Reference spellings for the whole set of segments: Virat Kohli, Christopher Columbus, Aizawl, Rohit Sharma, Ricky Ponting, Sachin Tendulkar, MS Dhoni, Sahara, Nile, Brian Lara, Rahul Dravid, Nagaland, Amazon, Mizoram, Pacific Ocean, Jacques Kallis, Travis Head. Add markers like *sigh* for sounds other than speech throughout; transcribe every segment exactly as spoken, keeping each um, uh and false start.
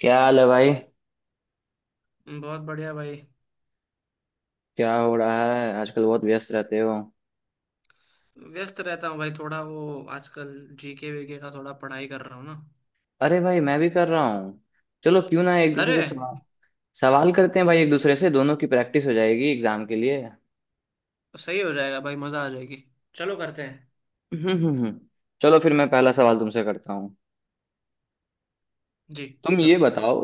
क्या हाल है भाई। बहुत बढ़िया भाई। क्या हो रहा है आजकल? बहुत व्यस्त रहते हो। व्यस्त रहता हूँ भाई, थोड़ा वो आजकल जीके वीके का थोड़ा पढ़ाई कर रहा हूँ ना। अरे भाई मैं भी कर रहा हूँ। चलो क्यों ना एक दूसरे अरे से सवाल सवाल करते हैं भाई, एक दूसरे से दोनों की प्रैक्टिस हो जाएगी एग्जाम के लिए। सही हो जाएगा भाई, मजा आ जाएगी। चलो करते हैं। हम्म हम्म हम्म। चलो फिर मैं पहला सवाल तुमसे करता हूँ। जी, तुम ये करो। बताओ,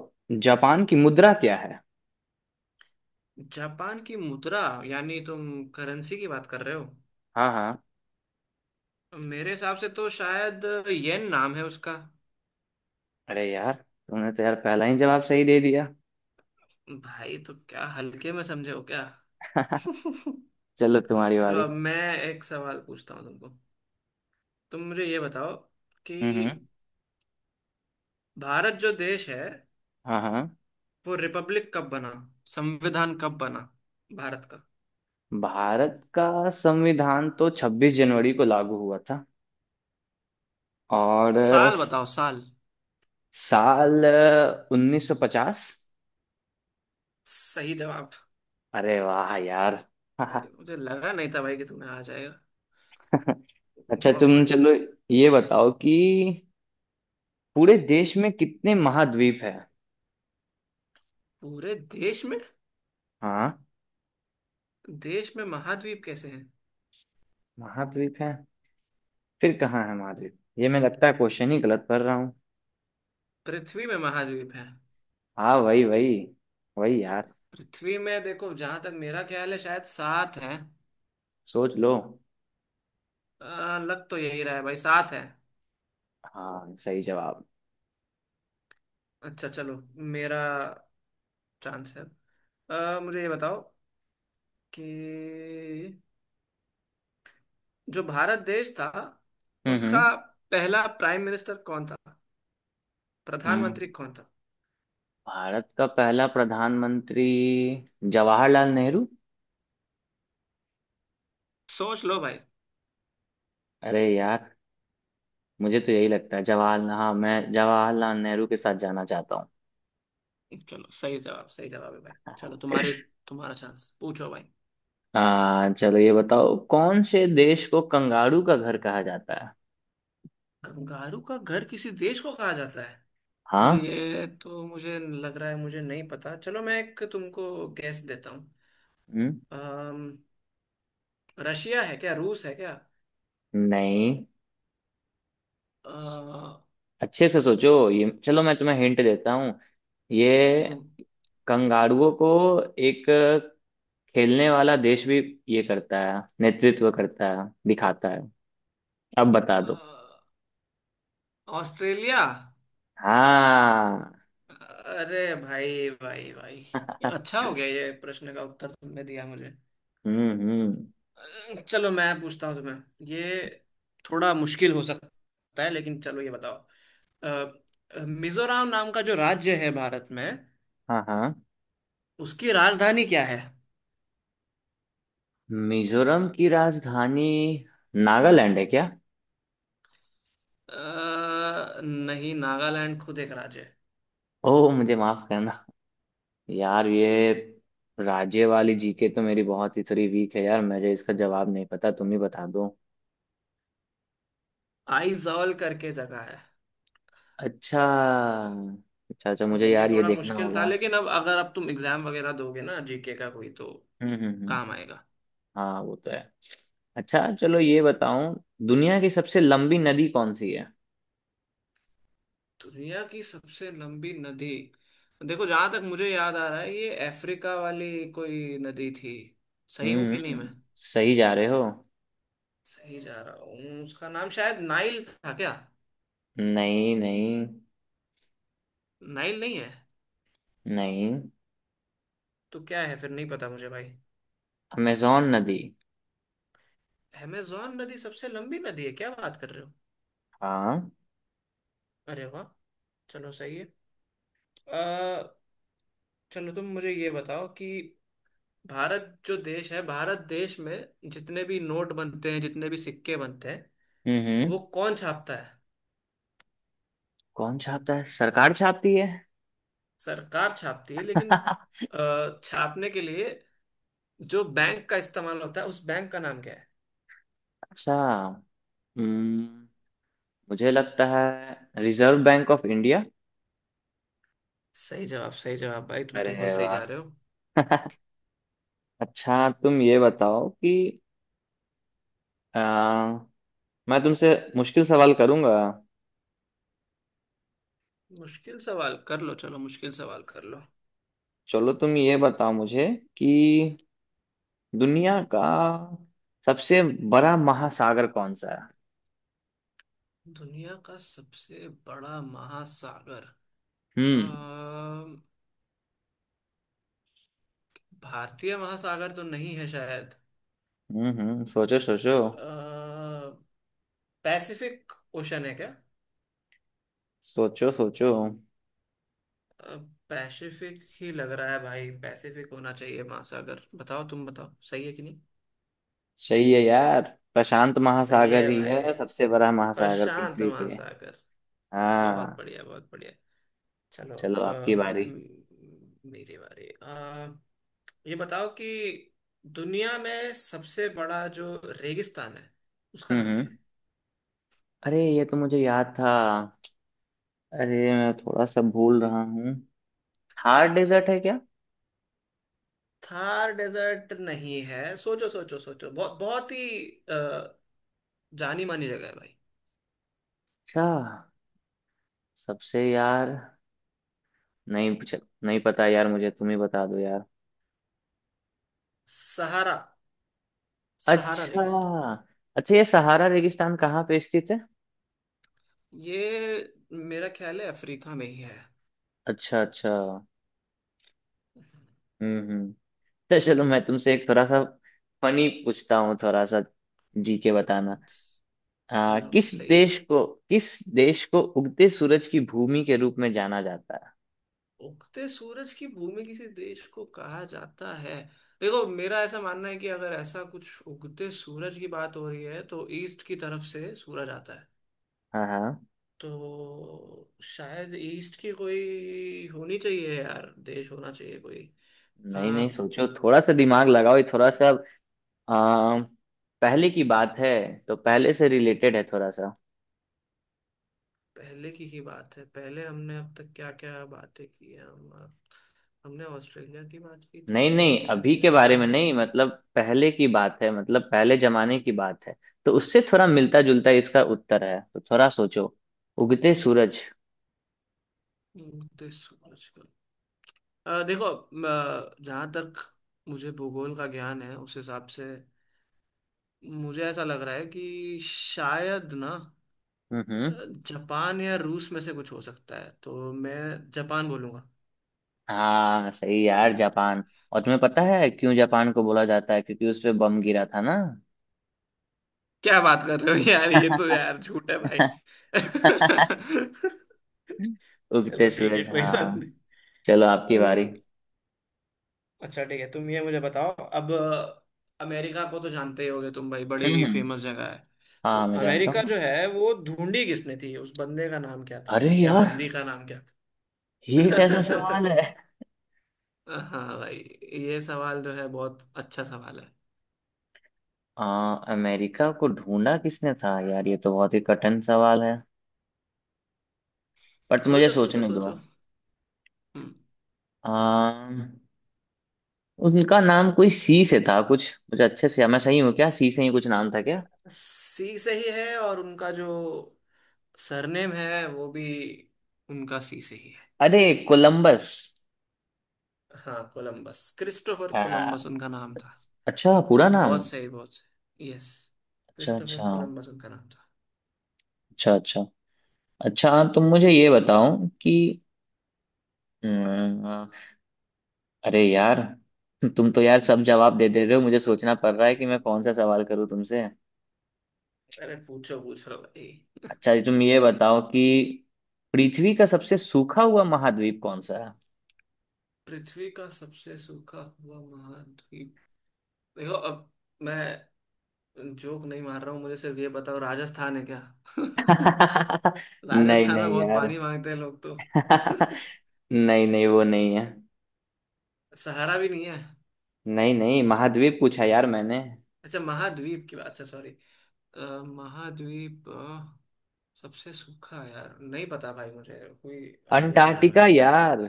जापान की मुद्रा क्या है? जापान की मुद्रा यानी तुम करेंसी की बात कर रहे हो। हाँ हाँ। मेरे हिसाब से तो शायद येन नाम है उसका। अरे यार, तुमने तो यार पहला ही जवाब सही दे दिया। भाई तो क्या हल्के में समझे हो क्या? *laughs* *laughs* चलो तुम्हारी चलो बारी। अब मैं एक सवाल पूछता हूँ तुमको। तुम मुझे ये बताओ कि हम्म हम्म। भारत जो देश है हाँ हाँ। वो रिपब्लिक कब बना, संविधान कब बना भारत का? भारत का संविधान तो छब्बीस जनवरी को लागू हुआ था। और साल बताओ, साल। साल उन्नीस सौ पचास। सही जवाब। अरे वाह यार। अरे, *laughs* मुझे लगा नहीं था भाई कि तुम्हें आ जाएगा। अच्छा बहुत तुम बढ़िया। चलो ये बताओ कि पूरे देश में कितने महाद्वीप है? पूरे देश में। हाँ। देश में महाद्वीप कैसे हैं? महाद्वीप है फिर कहाँ है महाद्वीप? ये मैं लगता है क्वेश्चन ही गलत पढ़ रहा हूँ। पृथ्वी में महाद्वीप है। हाँ वही वही। वही यार। पृथ्वी में देखो, जहां तक मेरा ख्याल है शायद सात है। सोच लो। आ, लग तो यही रहा है भाई, सात है। हाँ सही जवाब। अच्छा चलो, मेरा चांस है। आ, मुझे ये बताओ कि जो भारत देश था हम्म उसका हम्म पहला प्राइम मिनिस्टर कौन था, हम्म। प्रधानमंत्री कौन था? भारत का पहला प्रधानमंत्री जवाहरलाल नेहरू। सोच लो भाई। अरे यार, मुझे तो यही लगता है जवाहरलाल, हाँ मैं जवाहरलाल नेहरू के साथ जाना चाहता हूँ। चलो सही जवाब, सही जवाब है भाई। चलो तुम्हारी, तुम्हारा चांस। पूछो भाई। आ, चलो ये बताओ, कौन से देश को कंगारू का घर कहा जाता है? कंगारू का घर किसी देश को कहा जाता है? मुझे हाँ। ये तो, मुझे लग रहा है मुझे नहीं पता। चलो मैं एक तुमको गैस देता हूँ। हम्म। अम, रशिया है क्या, रूस है क्या? नहीं। अ, अच्छे से सोचो, ये चलो मैं तुम्हें हिंट देता हूँ। ये हम्म, कंगारुओं को एक खेलने वाला देश भी ये करता है, नेतृत्व करता है, दिखाता है। अब बता अ, दो। ऑस्ट्रेलिया। हाँ। अरे भाई भाई भाई, अच्छा *laughs* हो गया ये प्रश्न का उत्तर तुमने दिया मुझे। हम्म हम्म। चलो मैं पूछता हूँ तुम्हें, ये थोड़ा मुश्किल हो सकता है लेकिन चलो ये बताओ। अ, मिजोरम नाम का जो राज्य है भारत में, हाँ हाँ। उसकी राजधानी क्या है? मिजोरम की राजधानी नागालैंड है क्या? अ, नहीं, नागालैंड खुद एक राज्य है। ओह, मुझे माफ करना यार। ये राज्य वाली जीके तो मेरी बहुत ही थोड़ी वीक है यार, मुझे इसका जवाब नहीं पता, तुम ही बता दो। आइजॉल करके जगह है। अच्छा। अच्छा अच्छा, मुझे हम्म, ये यार ये थोड़ा देखना मुश्किल था होगा। लेकिन अब अगर अब तुम एग्जाम वगैरह दोगे ना, जीके का कोई तो हम्म हम्म हम्म। काम आएगा। हाँ वो तो है। अच्छा चलो ये बताओ, दुनिया की सबसे लंबी नदी कौन सी है? दुनिया की सबसे लंबी नदी, देखो जहां तक मुझे याद आ रहा है ये अफ्रीका वाली कोई नदी थी। सही हूं हम्म कि नहीं मैं? हम्म, सही जा रहे हो। सही जा रहा हूँ। उसका नाम शायद नाइल था क्या? नहीं नहीं। नाइल नहीं है? नहीं। तो क्या है फिर, नहीं पता मुझे भाई। अमेजोन नदी। अमेजोन नदी सबसे लंबी नदी है? क्या बात कर रहे हो! हाँ। अरे वाह, चलो सही है। अ, चलो तुम मुझे ये बताओ कि भारत जो देश है, भारत देश में जितने भी नोट बनते हैं, जितने भी सिक्के बनते हैं, हम्म वो हम्म। कौन छापता है? कौन छापता है? सरकार छापती है। सरकार छापती है लेकिन *laughs* अ, छापने के लिए जो बैंक का इस्तेमाल होता है उस बैंक का नाम क्या है? अच्छा। हम्म, मुझे लगता है रिजर्व बैंक ऑफ इंडिया। सही जवाब, सही जवाब भाई। तुम तो बहुत अरे सही वाह। जा रहे हो। *laughs* अच्छा तुम ये बताओ कि, आ, मैं तुमसे मुश्किल सवाल करूंगा। मुश्किल सवाल कर लो, चलो मुश्किल सवाल कर लो। चलो तुम ये बताओ मुझे कि दुनिया का सबसे बड़ा महासागर कौन सा है? दुनिया का सबसे बड़ा महासागर, अ, हम्म भारतीय महासागर तो नहीं है शायद। हम्म हम्म, सोचो सोचो। अ, पैसिफिक ओशन है क्या? सोचो सोचो। अ, पैसिफिक ही लग रहा है भाई, पैसिफिक होना चाहिए महासागर। बताओ तुम, बताओ सही है कि नहीं। सही है यार, प्रशांत सही महासागर है ही भाई, है सबसे बड़ा महासागर प्रशांत पृथ्वी पे। महासागर। बहुत हाँ। बढ़िया, बहुत बढ़िया। चलो। चलो अ, आपकी बारी। म- मेरी बारी। अ, ये बताओ कि दुनिया में सबसे बड़ा जो रेगिस्तान है उसका हम्म नाम क्या हम्म। है? अरे ये तो मुझे याद था। अरे मैं थोड़ा सा भूल रहा हूँ। थार डेजर्ट है क्या? थार डेजर्ट नहीं है। सोचो सोचो सोचो, बहुत बहुत ही अ, जानी मानी जगह है भाई। अच्छा। सबसे यार, नहीं पूछ, नहीं पता यार मुझे, तुम ही बता दो यार। सहारा, सहारा अच्छा। रेगिस्तान। अच्छा, ये सहारा रेगिस्तान कहाँ पे स्थित है? ये मेरा ख्याल है अफ्रीका में ही है। अच्छा अच्छा। हम्म हम्म। तो चलो मैं तुमसे एक थोड़ा सा फनी पूछता हूँ, थोड़ा सा जी के बताना। आ, चलो किस सही है। देश को किस देश को उगते सूरज की भूमि के रूप में जाना जाता है? उगते सूरज की भूमि किसी देश को कहा जाता है? देखो मेरा ऐसा मानना है कि अगर ऐसा कुछ उगते सूरज की बात हो रही है तो ईस्ट की तरफ से सूरज आता है, हाँ हाँ। तो शायद ईस्ट की कोई होनी चाहिए यार, देश होना चाहिए कोई। नहीं आ, नहीं, सोचो थोड़ा सा दिमाग लगाओ, ये थोड़ा सा, आ, पहले की बात है, तो पहले से रिलेटेड है थोड़ा सा। पहले की ही बात है। पहले हमने अब तक क्या क्या बातें की हैं हम? हमने ऑस्ट्रेलिया की बात की थी नहीं लेकिन नहीं अभी के ऑस्ट्रेलिया बारे नहीं में नहीं, होगा। मतलब पहले की बात है, मतलब पहले जमाने की बात है, तो उससे थोड़ा मिलता जुलता इसका उत्तर है, तो थोड़ा सोचो। उगते सूरज। उगते सूरज का अ, देखो म, जहाँ तक मुझे भूगोल का ज्ञान है उस हिसाब से मुझे ऐसा लग रहा है कि शायद ना हम्म अ, हम्म। जापान या रूस में से कुछ हो सकता है, तो मैं जापान बोलूंगा। हाँ सही यार, जापान। और तुम्हें पता है क्यों जापान को बोला जाता है? क्योंकि उस पे बम गिरा था ना। क्या बात कर रहे हो यार, ये तो *laughs* यार झूठ है भाई। *laughs* उगते चलो ठीक है, सूरज कोई हाँ। बात चलो आपकी बारी। नहीं। अच्छा ठीक है, तुम ये मुझे बताओ अब। अमेरिका को तो जानते ही होगे तुम भाई, हम्म बड़ी हम्म। फेमस जगह है। तो हाँ मैं जानता अमेरिका जो हूँ। है वो ढूंढी किसने थी, उस बंदे का नाम क्या था अरे या यार, बंदी का नाम क्या था? ये कैसा सवाल है? *laughs* हाँ भाई, ये सवाल जो है बहुत अच्छा सवाल है। आ, अमेरिका को ढूंढा किसने था? यार ये तो बहुत ही कठिन सवाल है, बट मुझे सोचो सोचो सोचने दो। सोचो। हम्म। आ, उनका नाम कोई सी से था कुछ, मुझे अच्छे से, मैं सही हूँ क्या? सी से ही कुछ नाम था क्या? सी से ही है, और उनका जो सरनेम है वो भी उनका सी से ही है। अरे, कोलंबस। हाँ कोलंबस, क्रिस्टोफर हाँ। कोलंबस उनका नाम था। अच्छा पूरा नाम। बहुत सही, बहुत सही, यस। अच्छा क्रिस्टोफर अच्छा। कोलंबस उनका नाम था। अच्छा अच्छा। अच्छा तुम मुझे ये बताओ कि, हम्म, अरे यार तुम तो यार सब जवाब दे दे रहे हो, मुझे सोचना पड़ रहा है कि मैं कौन सा सवाल करूं तुमसे। अरे पूछो पूछो भाई। अच्छा ये तुम ये बताओ कि पृथ्वी का सबसे सूखा हुआ महाद्वीप कौन सा है? पृथ्वी का सबसे सूखा हुआ महाद्वीप, देखो अब मैं जोक नहीं मार रहा हूँ, मुझे सिर्फ ये बताओ राजस्थान है क्या? *laughs* *laughs* नहीं राजस्थान में नहीं बहुत यार। पानी मांगते हैं लोग तो। *laughs* *laughs* नहीं नहीं वो नहीं है। सहारा भी नहीं है? नहीं नहीं, महाद्वीप पूछा यार मैंने। अच्छा महाद्वीप की बात, अच्छा सॉरी। महाद्वीप, अ, सबसे सूखा, यार नहीं पता भाई मुझे, कोई आइडिया नहीं है अंटार्कटिका भाई। यार।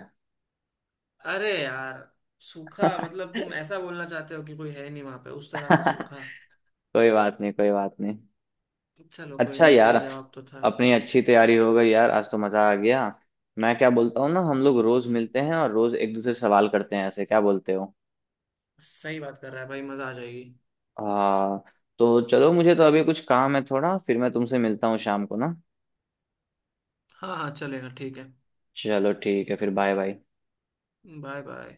अरे यार, सूखा मतलब तुम ऐसा बोलना चाहते हो कि कोई है नहीं वहां पे उस तरह से सूखा? *laughs* कोई बात नहीं, कोई बात नहीं। चलो कोई अच्छा नहीं, यार, सही जवाब तो था अपनी भाई। अच्छी तैयारी हो गई यार, आज तो मजा आ गया। मैं क्या बोलता हूँ ना, हम लोग रोज मिलते हैं और रोज एक दूसरे से सवाल करते हैं ऐसे, क्या बोलते हो? सही बात कर रहा है भाई, मजा आ जाएगी। आ, तो चलो, मुझे तो अभी कुछ काम है थोड़ा, फिर मैं तुमसे मिलता हूँ शाम को ना। हाँ हाँ चलेगा, ठीक है। चलो ठीक है फिर, बाय बाय। Bye bye.